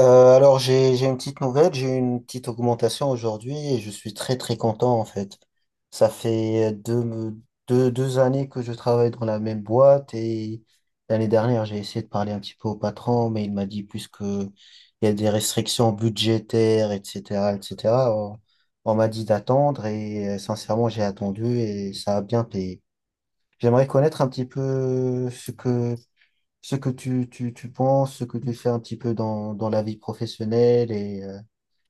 Alors j'ai une petite nouvelle, j'ai eu une petite augmentation aujourd'hui et je suis très très content en fait. Ça fait deux années que je travaille dans la même boîte et l'année dernière j'ai essayé de parler un petit peu au patron mais il m'a dit puisque il y a des restrictions budgétaires etc etc on m'a dit d'attendre et sincèrement j'ai attendu et ça a bien payé. J'aimerais connaître un petit peu ce que tu penses, ce que tu fais un petit peu dans la vie professionnelle et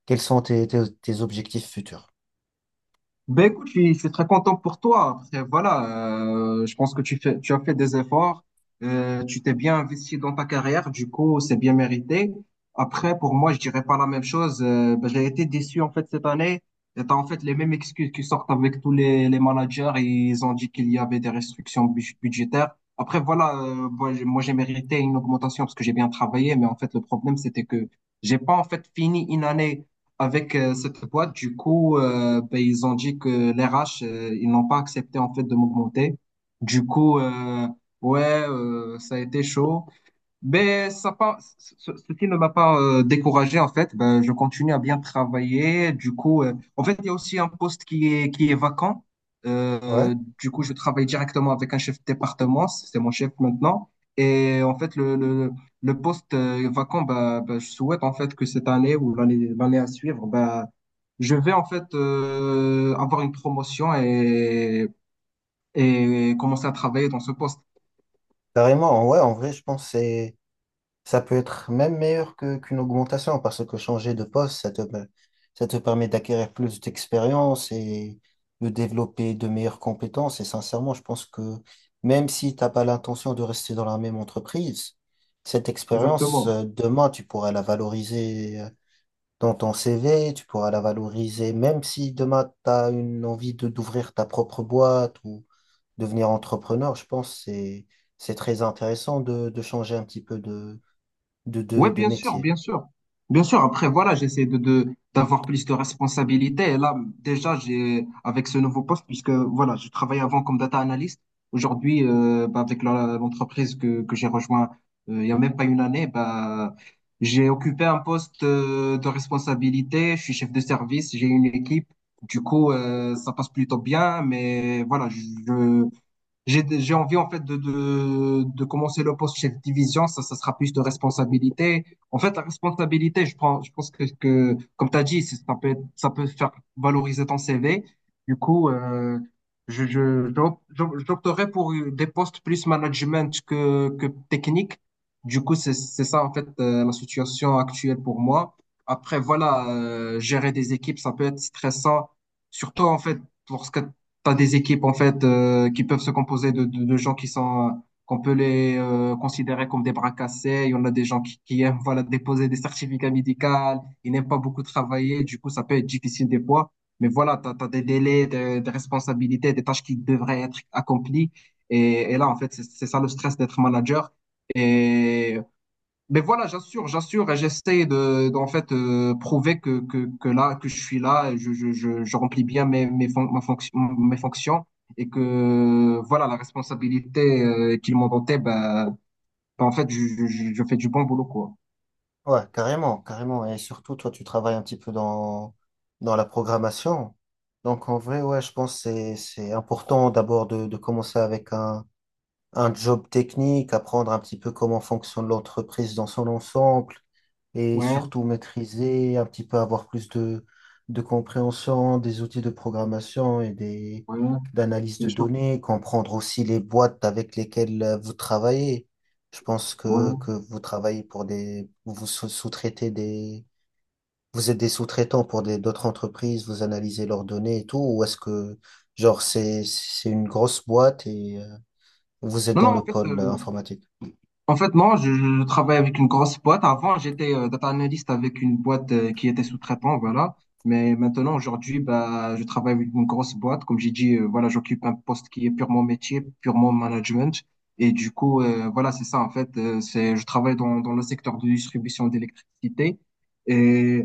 quels sont tes objectifs futurs. Ben écoute, je suis très content pour toi. Après, voilà, je pense que tu as fait des efforts, tu t'es bien investi dans ta carrière, du coup, c'est bien mérité. Après, pour moi, je dirais pas la même chose. J'ai été déçu en fait cette année. Et t'as en fait les mêmes excuses qui sortent avec tous les managers. Et ils ont dit qu'il y avait des restrictions budgétaires. Après, voilà, moi, j'ai mérité une augmentation parce que j'ai bien travaillé, mais en fait, le problème, c'était que j'ai pas en fait fini une année avec cette boîte, du coup, ils ont dit que les RH, ils n'ont pas accepté en fait de m'augmenter. Du coup, ouais, ça a été chaud. Ben, ça pas, ce- ce qui ne m'a pas découragé, en fait, ben, je continue à bien travailler. Du coup, en fait, il y a aussi un poste qui est vacant. Ouais, Du coup, je travaille directement avec un chef de département, c'est mon chef maintenant. Et en fait, le poste vacant, ben, je souhaite en fait que cette année ou l'année à suivre, ben, je vais en fait avoir une promotion et commencer à travailler dans ce poste. carrément, ouais, en vrai, je pense que ça peut être même meilleur qu'une augmentation parce que changer de poste, ça te permet d'acquérir plus d'expérience et de développer de meilleures compétences. Et sincèrement, je pense que même si t'as pas l'intention de rester dans la même entreprise, cette expérience, Exactement. Demain, tu pourras la valoriser dans ton CV, tu pourras la valoriser, même si demain tu as une envie de d'ouvrir ta propre boîte ou devenir entrepreneur, je pense que c'est très intéressant de changer un petit peu Oui, de bien sûr, métier. bien sûr. Bien sûr, après, voilà, j'essaie d'avoir plus de responsabilités. Et là, déjà, j'ai, avec ce nouveau poste, puisque, voilà, je travaillais avant comme data analyst. Aujourd'hui, bah, avec l'entreprise que j'ai rejoint, il y a même pas une année, bah, j'ai occupé un poste, de responsabilité. Je suis chef de service, j'ai une équipe. Du coup, ça passe plutôt bien, mais voilà, je, j'ai envie en fait de commencer le poste chef de division, ça sera plus de responsabilité. En fait, la responsabilité, je prends, je pense que comme tu as dit, ça peut faire valoriser ton CV. Du coup, j'opterais pour des postes plus management que technique. Du coup, c'est ça en fait la situation actuelle pour moi. Après, voilà, gérer des équipes, ça peut être stressant, surtout en fait lorsque t'as des équipes en fait qui peuvent se composer de gens qui sont qu'on peut les considérer comme des bras cassés. Il y en a des gens qui aiment voilà déposer des certificats médicaux, ils n'aiment pas beaucoup travailler, du coup ça peut être difficile des fois. Mais voilà, t'as des délais, des responsabilités, des tâches qui devraient être accomplies. Et là en fait c'est ça le stress d'être manager. Et mais voilà, j'assure, j'assure, et j'essaie de, d'en fait prouver que là, que je suis là, et je remplis bien mes mes fonctions et que voilà, la responsabilité qu'ils m'ont donnée, bah, en fait, je fais du bon boulot, quoi. Ouais, carrément, carrément. Et surtout, toi, tu travailles un petit peu dans la programmation. Donc, en vrai, ouais, je pense que c'est important d'abord de commencer avec un job technique, apprendre un petit peu comment fonctionne l'entreprise dans son ensemble, et Ouais, surtout maîtriser, un petit peu avoir plus de compréhension des outils de programmation et ouais, d'analyse bien de sûr. données, comprendre aussi les boîtes avec lesquelles vous travaillez. Je pense Ouais. que vous travaillez pour des, sous-traitez vous êtes des sous-traitants pour d'autres entreprises, vous analysez leurs données et tout, genre, c'est une grosse boîte et vous êtes Non, dans non, en le fait, pôle informatique? en fait, non, je travaille avec une grosse boîte. Avant, j'étais data analyst avec une boîte qui était sous-traitant, voilà. Mais maintenant, aujourd'hui, bah, je travaille avec une grosse boîte. Comme j'ai dit, voilà, j'occupe un poste qui est purement métier, purement management. Et du coup, voilà, c'est ça, en fait. Je travaille dans le secteur de distribution d'électricité. Et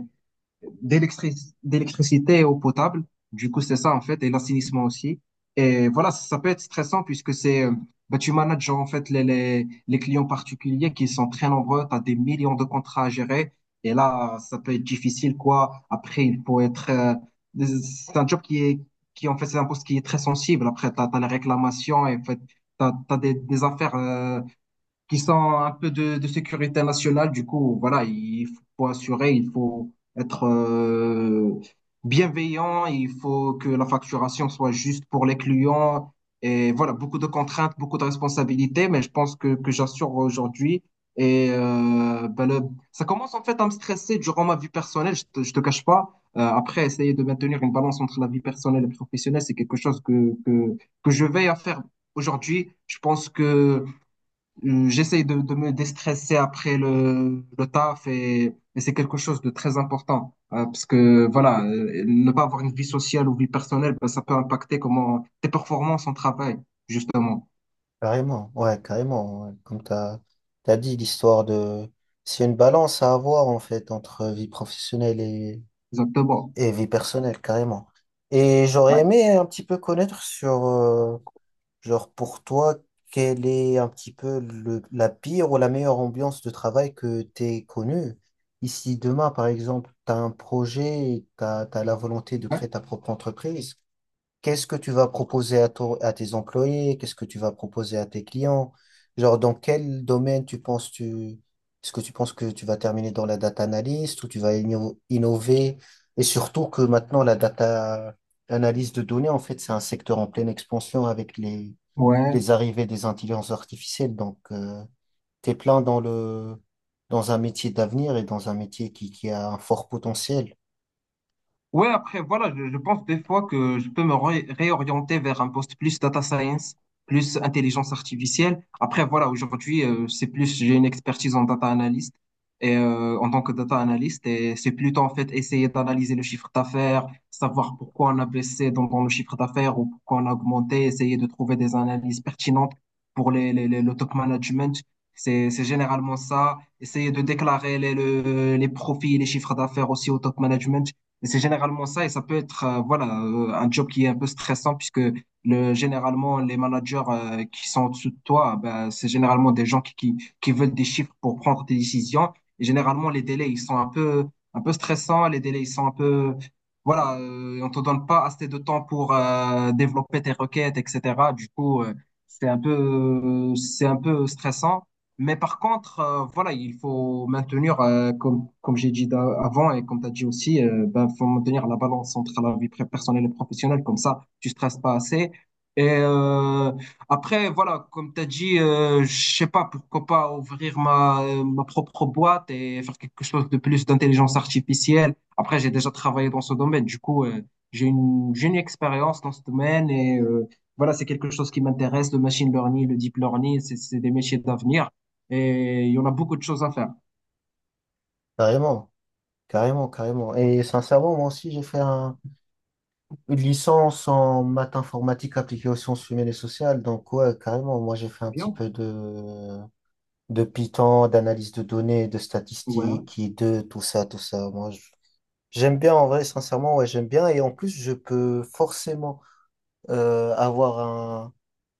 d'électric- d'électricité eau potable. Du coup, c'est ça en fait, et l'assainissement aussi. Et voilà, ça peut être stressant puisque c'est, bah, tu manages en fait les clients particuliers qui sont très nombreux, tu as des millions de contrats à gérer. Et là, ça peut être difficile, quoi. Après, il faut être, c'est un job qui est, qui en fait, c'est un poste qui est très sensible. Après, tu as, les réclamations et en fait, tu as, des affaires, qui sont un peu de sécurité nationale. Du coup, voilà, il faut assurer, il faut être bienveillant, il faut que la facturation soit juste pour les clients. Et voilà, beaucoup de contraintes, beaucoup de responsabilités, mais je pense que j'assure aujourd'hui. Et ça commence en fait à me stresser durant ma vie personnelle, je te cache pas. Après, essayer de maintenir une balance entre la vie personnelle et professionnelle, c'est quelque chose que je veille à faire aujourd'hui. Je pense que j'essaye de me déstresser après le taf et c'est quelque chose de très important. Parce que voilà, ne pas avoir une vie sociale ou vie personnelle, ben, ça peut impacter comment tes performances en travail, justement. Carrément, ouais, carrément, ouais. Comme tu as dit, l'histoire de... C'est une balance à avoir, en fait, entre vie professionnelle Exactement. et vie personnelle, carrément. Et j'aurais Ouais, aimé un petit peu connaître sur, genre, pour toi, quelle est un petit peu la pire ou la meilleure ambiance de travail que t'aies connue. Ici, demain, par exemple, tu as un projet et tu as la volonté de ouais, créer ta propre entreprise. Qu'est-ce que tu vas proposer à tes employés? Qu'est-ce que tu vas proposer à tes clients? Genre, dans quel domaine est-ce que tu penses que tu vas terminer dans la data analyst ou tu vas innover? Et surtout que maintenant, la data analyse de données, en fait, c'est un secteur en pleine expansion avec ouais. les arrivées des intelligences artificielles. Donc, t'es plein dans un métier d'avenir et dans un métier qui a un fort potentiel. Ouais, après, voilà, je pense des fois que je peux me réorienter vers un poste plus data science, plus intelligence artificielle. Après, voilà, aujourd'hui, c'est plus, j'ai une expertise en data analyst et en tant que data analyst, et c'est plutôt en fait essayer d'analyser le chiffre d'affaires, savoir pourquoi on a baissé dans le chiffre d'affaires ou pourquoi on a augmenté, essayer de trouver des analyses pertinentes pour le top management. C'est généralement ça. Essayer de déclarer les profits et les chiffres d'affaires aussi au top management. Et c'est généralement ça, et ça peut être voilà, un job qui est un peu stressant, puisque le, généralement, les managers qui sont au-dessus de toi, ben, c'est généralement des gens qui veulent des chiffres pour prendre des décisions. Et généralement, les délais, ils sont un peu stressants, les délais, ils sont un peu... Voilà, on te donne pas assez de temps pour développer tes requêtes, etc. Du coup, c'est un peu stressant. Mais par contre, voilà, il faut maintenir, comme, comme j'ai dit avant et comme tu as dit aussi, ben, faut maintenir la balance entre la vie personnelle et professionnelle. Comme ça, tu stresses pas assez. Et après, voilà, comme tu as dit, je sais pas, pourquoi pas ouvrir ma propre boîte et faire quelque chose de plus d'intelligence artificielle. Après, j'ai déjà travaillé dans ce domaine. Du coup, j'ai une expérience dans ce domaine et voilà, c'est quelque chose qui m'intéresse, le machine learning, le deep learning, c'est des métiers d'avenir et il y en a beaucoup de choses à faire. Carrément, carrément, carrément. Et sincèrement, moi aussi, une licence en maths informatique appliquée aux sciences humaines et sociales. Donc, ouais, carrément, moi, j'ai fait un petit Bien, peu de Python, d'analyse de données, de ouais, statistiques, et de tout ça, tout ça. J'aime bien en vrai, sincèrement, ouais, j'aime bien. Et en plus, je peux forcément euh, avoir un,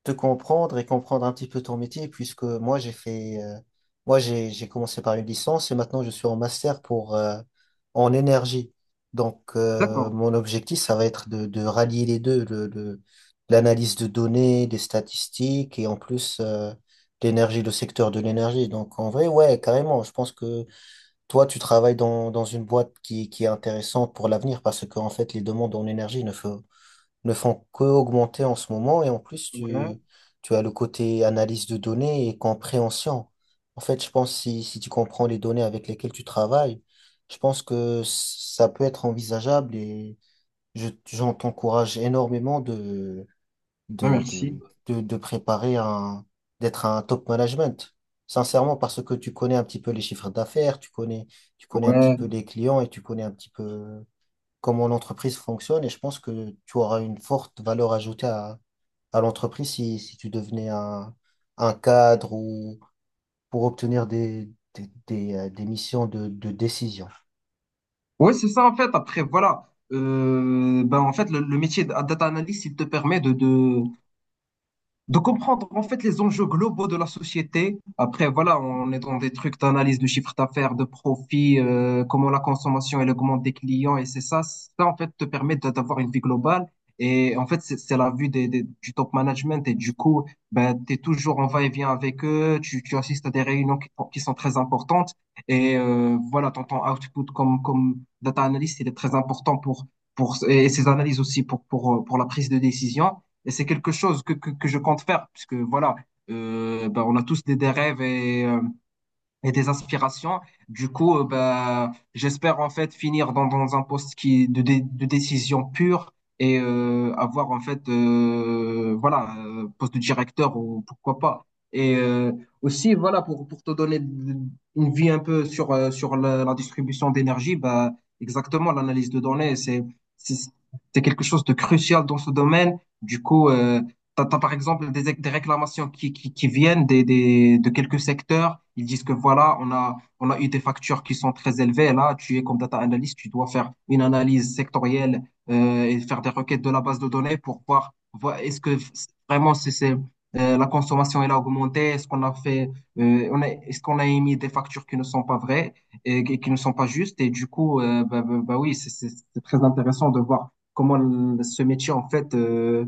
te comprendre et comprendre un petit peu ton métier, puisque moi j'ai fait, moi j'ai commencé par une licence et maintenant je suis en master pour en énergie. Donc d'accord, mon objectif, ça va être de rallier les deux, l'analyse de données, des statistiques et en plus l'énergie, le secteur de l'énergie. Donc en vrai, ouais, carrément. Je pense que toi, tu travailles dans une boîte qui est intéressante pour l'avenir parce que en fait, les demandes en énergie ne font qu'augmenter en ce moment. Et en plus, ouais, tu as le côté analyse de données et compréhension. En fait, je pense si tu comprends les données avec lesquelles tu travailles, je pense que ça peut être envisageable et j'en t'encourage énormément bah, merci. De préparer d'être un top management. Sincèrement, parce que tu connais un petit peu les chiffres d'affaires, tu connais un petit Ouais, peu les clients et tu connais un petit peu comment l'entreprise fonctionne et je pense que tu auras une forte valeur ajoutée à l'entreprise si tu devenais un cadre ou pour obtenir des missions de décision. ouais, c'est ça en fait. Après, voilà, euh, ben, en fait, le métier de data analyst, il te permet de comprendre en fait les enjeux globaux de la société. Après, voilà, on est dans des trucs d'analyse de chiffre d'affaires, de profit, comment la consommation elle augmente des clients, et ça en fait te permet d'avoir une vie globale. Et en fait, c'est la vue du top management. Et du coup, ben, tu es toujours en va-et-vient avec eux. Tu assistes à des réunions qui sont très importantes. Et voilà, ton output comme data analyst, il est très important pour, et ses analyses aussi pour la prise de décision. Et c'est quelque chose que je compte faire, puisque voilà, bah, on a tous des rêves et des aspirations. Du coup, bah, j'espère en fait finir dans un poste de décision pure et avoir en fait, voilà, poste de directeur ou pourquoi pas. Et aussi, voilà, pour te donner une vie un peu sur, sur la distribution d'énergie, bah, exactement, l'analyse de données, c'est, c'est quelque chose de crucial dans ce domaine. Du coup, t'as, par exemple des réclamations qui viennent de quelques secteurs. Ils disent que voilà, on a eu des factures qui sont très élevées. Là, tu es comme data analyst, tu dois faire une analyse sectorielle et faire des requêtes de la base de données pour voir, voir est-ce que vraiment la consommation elle a augmenté, est-ce qu'on a émis des factures qui ne sont pas vraies et qui ne sont pas justes. Et du coup, bah oui, c'est très intéressant de voir comment ce métier en fait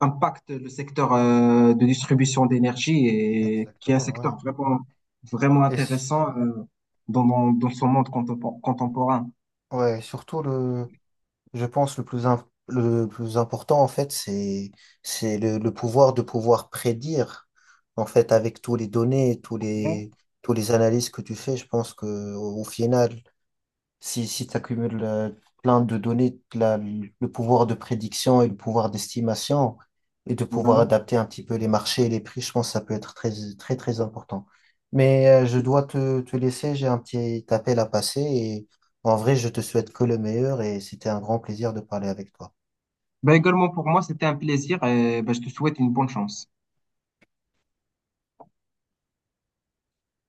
impacte le secteur de distribution d'énergie et qui est un Exactement, ouais. secteur vraiment, vraiment Et s- intéressant dans son monde contemporain. ouais, surtout je pense le plus important en fait, c'est le pouvoir de pouvoir prédire en fait avec tous les données, Ouais. Tous les analyses que tu fais, je pense que au au final si, si tu accumules plein de données, le pouvoir de prédiction et le pouvoir d'estimation et de pouvoir Voilà. adapter un petit peu les marchés et les prix, je pense que ça peut être très, très important. Mais je dois te laisser, j'ai un petit appel à passer et en vrai, je te souhaite que le meilleur et c'était un grand plaisir de parler avec toi. Ben, également pour moi, c'était un plaisir et ben, je te souhaite une bonne chance.